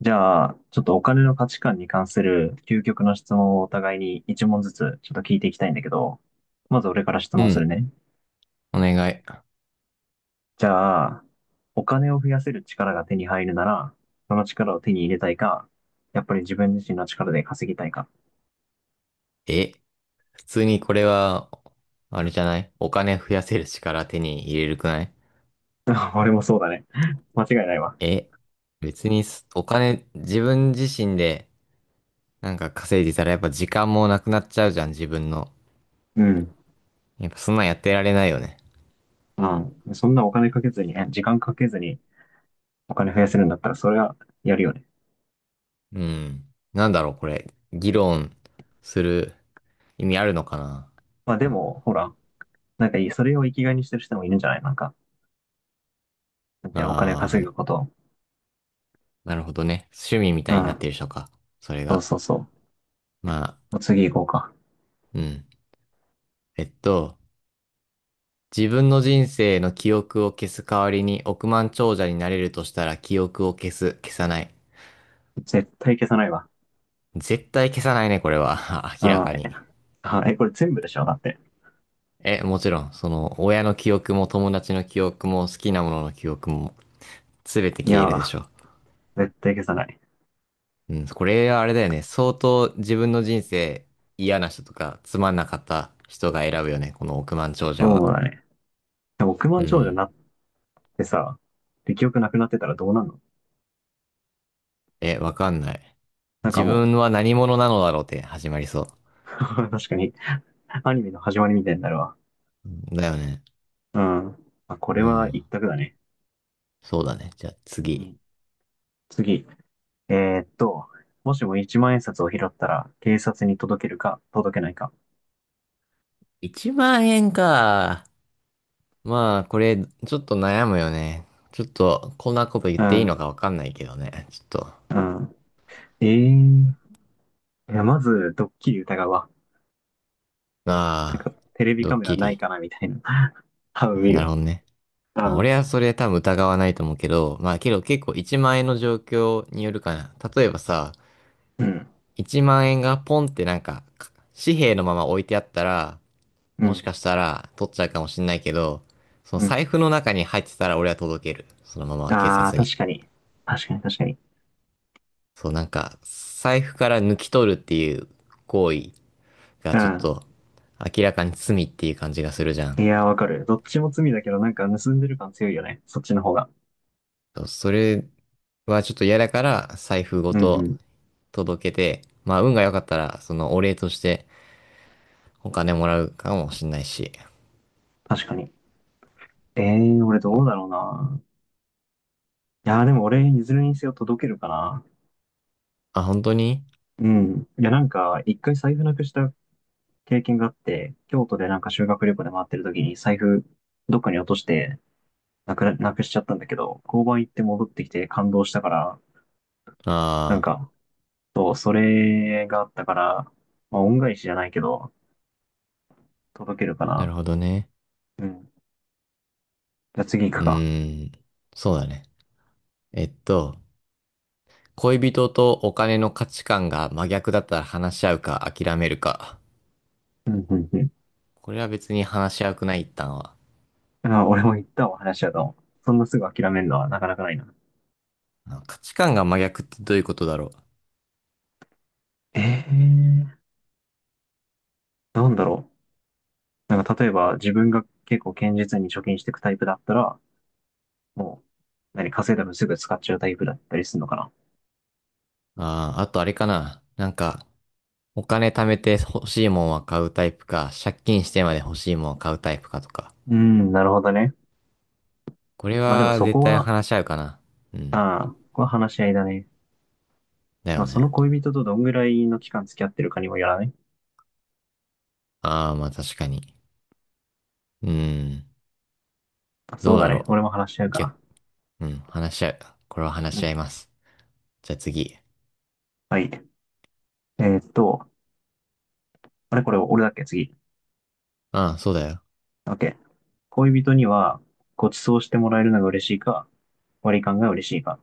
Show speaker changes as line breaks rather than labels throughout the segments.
じゃあ、ちょっとお金の価値観に関する究極の質問をお互いに一問ずつちょっと聞いていきたいんだけど、まず俺から質
う
問する
ん、
ね。
お願い。
じゃあ、お金を増やせる力が手に入るなら、その力を手に入れたいか、やっぱり自分自身の力で稼ぎたいか。
え、普通にこれは、あれじゃないお金増やせる力手に入れるくない？
俺もそうだね。間違いないわ。
え、別にお金、自分自身でなんか稼いでたらやっぱ時間もなくなっちゃうじゃん、自分の。
うん。
やっぱそんなんやってられないよね。
うん。そんなお金かけずにね、時間かけずにお金増やせるんだったら、それはやるよね。
うん。なんだろう、これ。議論する意味あるのかな。
まあでも、ほら、なんかいいそれを生きがいにしてる人もいるんじゃないなんか、なんて
あ
いうのお金稼
ー、
ぐことを。
なるほどね。趣味み
う
たいになってる
ん。
人か。それ
そう
が。
そうそう。
まあ、
もう次行こうか。
うん。えっと、自分の人生の記憶を消す代わりに億万長者になれるとしたら記憶を消す、消さない。
絶対消さないわ。
絶対消さないね、これは。明ら
あ
か
ーえ、
に。
あーえ、これ全部でしょだって。
もちろん、その、親の記憶も友達の記憶も好きなものの記憶も、すべて
い
消
や
えるでし
ー、
ょ。
絶対消さない。
うん、これはあれだよね。相当自分の人生嫌な人とかつまんなかった人が選ぶよね。この億万長者
そ
は。
うだね。でも億
う
万長者に
ん。
なってさ、で、記憶なくなってたらどうなんの。
わかんない。
なん
自
かも
分
う、
は何者なのだろうって始まりそ
確かに、アニメの始まりみたいになるわ。
う。うんだよね。
うん。まあ、これ
う
は
ん。
一択だね。
そうだね。じゃあ
う
次。
ん。次。えーっと、もしも一万円札を拾ったら、警察に届けるか、届けないか。
1万円か。まあ、これ、ちょっと悩むよね。ちょっと、こんなこと言っ
う
ていい
ん。
のかわかんないけどね。ちょっと、
うん。えー。いや、まず、ドッキリ疑うわ。なんか
あ、
テレビ
ドッ
カメラ
キ
ない
リ。
かなみたいな。多分
まあ
見
なるほ
る。
どね。
う
まあ、
ん。
俺はそれ多分疑わないと思うけど、まあ、けど結構1万円の状況によるかな。例えばさ、
うん。
1万円がポンってなんか、紙幣のまま置いてあったら、
う
もし
ん。
かしたら取っちゃうかもしんないけど、その
うん。
財布の中に入ってたら俺は届ける。そのまま警
ああ、
察に。
確かに。確かに確かに。
そう、なんか、財布から抜き取るっていう行為が
う
ちょっ
ん。
と明らかに罪っていう感じがするじゃ
い
ん。
やー、わかる。どっちも罪だけど、なんか盗んでる感強いよね。そっちの方が。
そうそれはちょっと嫌だから財布ご
うんう
と
ん。
届けて、まあ運が良かったらそのお礼としてお金もらうかもしんないし。
確かに。ええー、俺
ま
どうだろうな。いやー、でも俺、いずれにせよ届けるかな。
あ、本当に、
うん。いや、なんか、一回財布なくした経験があって、京都でなんか修学旅行で回ってる時に財布どっかに落として、なくしちゃったんだけど、交番行って戻ってきて感動したから、なん
ああ
か、そう、それがあったから、まあ、恩返しじゃないけど、届けるか
ー、な
な。
るほどね。
うん。じゃあ次行
う
くか。
ーん、そうだね。えっと、恋人とお金の価値観が真逆だったら話し合うか諦めるか。
うんうんう
これは別に話し合うくない、一旦は。
ん。あ、俺も言ったわ、話し合うと。そんなすぐ諦めるのはなかなかないな。
価値観が真逆ってどういうことだろ
ええー、なんだろう。なんか例えば自分が結構堅実に貯金していくタイプだったら、もう、何、稼いだ分すぐ使っちゃうタイプだったりするのかな。
う。ああ、あとあれかな。なんか、お金貯めて欲しいもんは買うタイプか、借金してまで欲しいもんは買うタイプかとか。
うん、なるほどね。
これ
まあでも
は
そ
絶
こ
対
は、
話し合うかな。うん。
ああ、ここは話し合いだね。
だ
ま
よ
あそ
ね。
の恋人とどんぐらいの期間付き合ってるかにもよらない。
ああ、まあ確かに。うん。
まあそ
ど
う
う
だ
だ
ね。
ろ
俺も話し合う
う。
か
逆、
な。
うん、話し合う。これは話
う
し合い
ん。
ます。じゃあ次。
はい。えーっと、あれこれ俺だっけ次。
ああ、そうだよ。
OK。恋人にはご馳走してもらえるのが嬉しいか、割り勘が嬉しいか。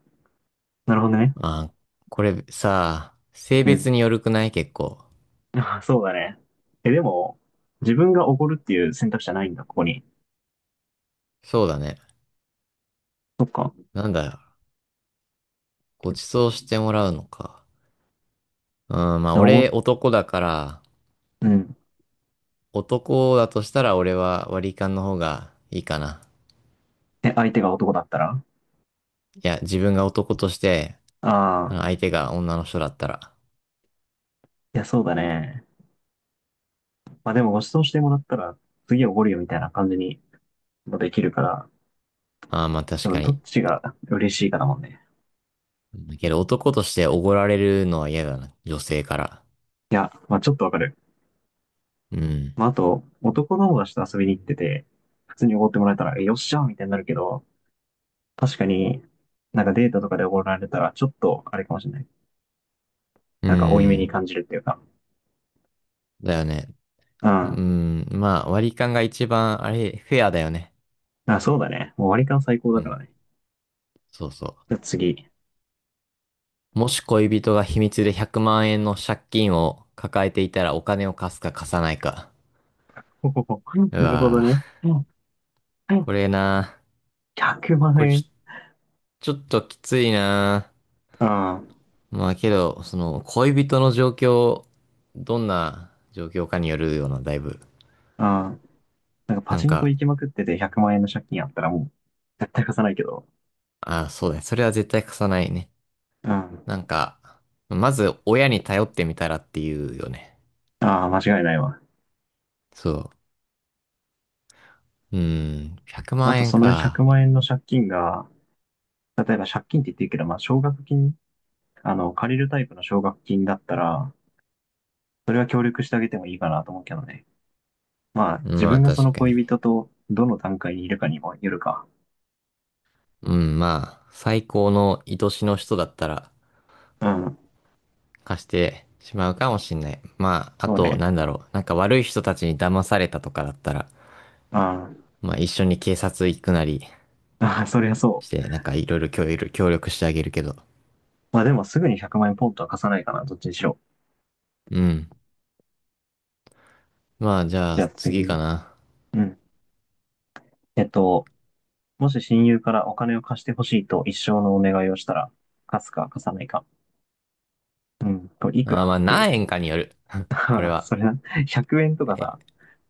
なるほどね。
ああ、これさ、性
う
別
ん。
によるくない結構。
あ、そうだね。でも、自分がおごるっていう選択肢はないんだ、ここに。
そうだね。
そっか。じ
なんだよ。ご馳走してもらうのか。うん、まあ
ゃあおご、
俺男だから、
うん。
男だとしたら俺は割り勘の方がいいかな。
え、相手が男だったら、
いや、自分が男として、
ああ
相手が女の人だったら。
いや、そうだね。まあでもご馳走してもらったら、次おごるよみたいな感じにもできるから、
ああ、まあ確
でも
か
どっ
に。
ちが嬉しいかだもんね。
だけど男としておごられるのは嫌だな。女性から。
いや、まあちょっとわかる。
うん。
まあ、あと、男友達と遊びに行ってて、普通におごってもらえたら、えよっしゃーみたいになるけど、確かに、なんかデートとかでおごられたら、ちょっとあれかもしれない。
う
なんか負い目に
ん。
感じるっていうか。
だよね。
う
う
ん。
ん。まあ割り勘が一番、あれ、フェアだよね。
あ、そうだね。もう割り勘最高
う
だか
ん。
らね。
そうそ
じゃあ次。
う。もし恋人が秘密で100万円の借金を抱えていたらお金を貸すか貸さないか。
ほほほ
う
なるほど
わ
ね。
ぁ、
うんはい。
これな。
100万
これ
円。
ちょっときついな
うん。うん。
ぁ。まあけど、その、恋人の状況、どんな状況かによるような、だいぶ。
なんかパ
なん
チンコ
か、
行きまくってて100万円の借金あったらもう絶対貸さないけど。
あ、そうだね。それは絶対貸さないね。
うん。あ
なんか、まず親に頼ってみたらっていうよね。
あ、間違いないわ。
そう。うん、100
あ
万
と
円
その100
か。
万円の借金が、例えば借金って言ってるけど、まあ奨学金、借りるタイプの奨学金だったら、それは協力してあげてもいいかなと思うけどね。まあ、自
ま
分
あ
がそ
確
の
かに。
恋人とどの段階にいるかにもよるか。
うん、まあ、最高の愛しの人だったら
うん。
貸してしまうかもしんない。まあ、あ
そう
と、
ね。
なんだろう。なんか悪い人たちに騙されたとかだったら、
あ
まあ一緒に警察行くなり
ああ、そりゃそ
し
う。
て、なんかいろいろ協力してあげるけど。
まあでもすぐに100万円ポンとは貸さないかな、どっちにしろ。
うん。まあじゃあ
じゃあ
次か
次。
な。
うん。えっと、もし親友からお金を貸してほしいと一生のお願いをしたら、貸すか貸さないか。うん。これいく
あ
ら
ーま
っ
あ
て、
何円かによる。これは。
それな、100円とか
え、
さ、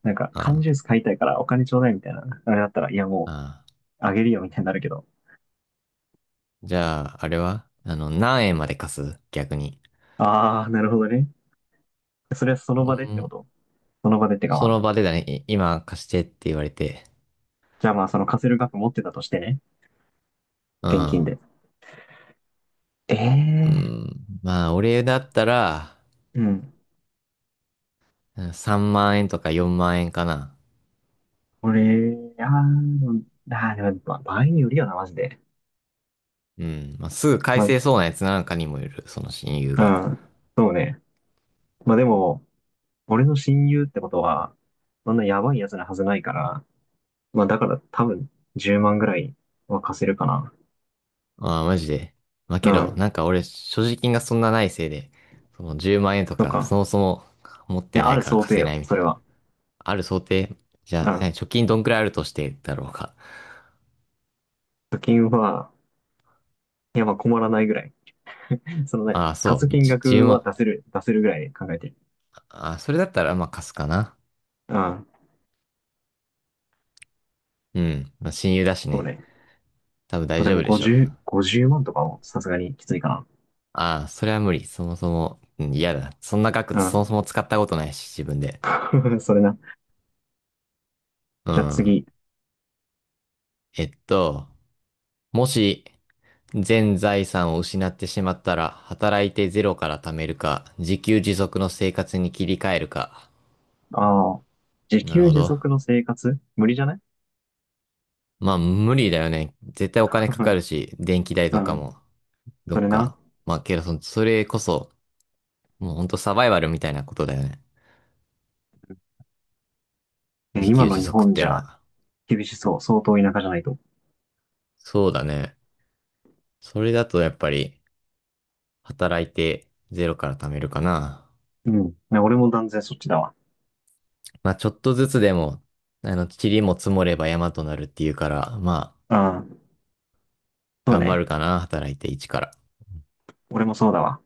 なんか缶
あー
ジュース買いたいからお金ちょうだいみたいな、あれだったら、いやもう、
あ
あげるよみたいになるけど。
ー。じゃあ、あれはあの、何円まで貸す逆に。
ああ、なるほどね。それはそ
う
の場でってこ
ん、
とその場でってかま
そ
あ、
の場でだね。今貸してって言われて。
じゃあまあその貸せる額持ってたとしてね。
う
現金
ん。
で。え
う
え
ん。まあ俺だったら、
ー、うん。
うん3万円とか4万円かな。
これ、でも、まあ、場合によるよな、マジで。
うん。まあすぐ返
ま
せそうなやつなんかにもよる。その親友が。
あ、うん。そうね。まあでも、俺の親友ってことは、そんなやばいやつなはずないから、まあだから多分10万ぐらいは貸せるかな。
ああ、マジで。まあ
う
けど、
ん。
なんか俺、所持金がそんなないせいで、その10万円と
と
か、
か。
そもそも持っ
い
て
や、あ
ない
る
から
想
貸
定
せな
よ、
いみ
そ
たい
れ
な。
は。
ある想定、じ
う
ゃあ、
ん。
貯金どんくらいあるとしてだろうか。
貯金は、いやまあ困らないぐらい。その何
ああ、そ
貸す
う、
金
10
額は
万。
出せるぐらい考えてる。
ああ、それだったらまあ貸すかな。
うん。
うん。まあ親友だし
そう
ね。
ね。
多分大
で
丈
も
夫でしょう。
50万とかもさすがにきついか
ああ、それは無理。そもそも、うん、嫌だ。そんな額、そ
な。
もそも使ったことないし、自分で。
うん。それな。
う
じゃあ
ん。
次。
えっと、もし、全財産を失ってしまったら、働いてゼロから貯めるか、自給自足の生活に切り替えるか。
ああ。自
なる
給
ほ
自
ど。
足の生活無理じゃない？
まあ、無理だよね。絶対お金かかる し、電気代
う
とか
ん。
も、ど
そ
っ
れな。
か。まあ、けどそれこそ、もうほんとサバイバルみたいなことだよね。自給
今の
自
日
足っ
本じ
ての
ゃ
は。
厳しそう。相当田舎じゃないと。
そうだね。それだとやっぱり、働いてゼロから貯めるかな。
うん。ね俺も断然そっちだわ。
まあ、ちょっとずつでも、あの、塵も積もれば山となるっていうから、まあ、
うん。そう
頑張
ね。
るかな、働いて一から。
俺もそうだわ。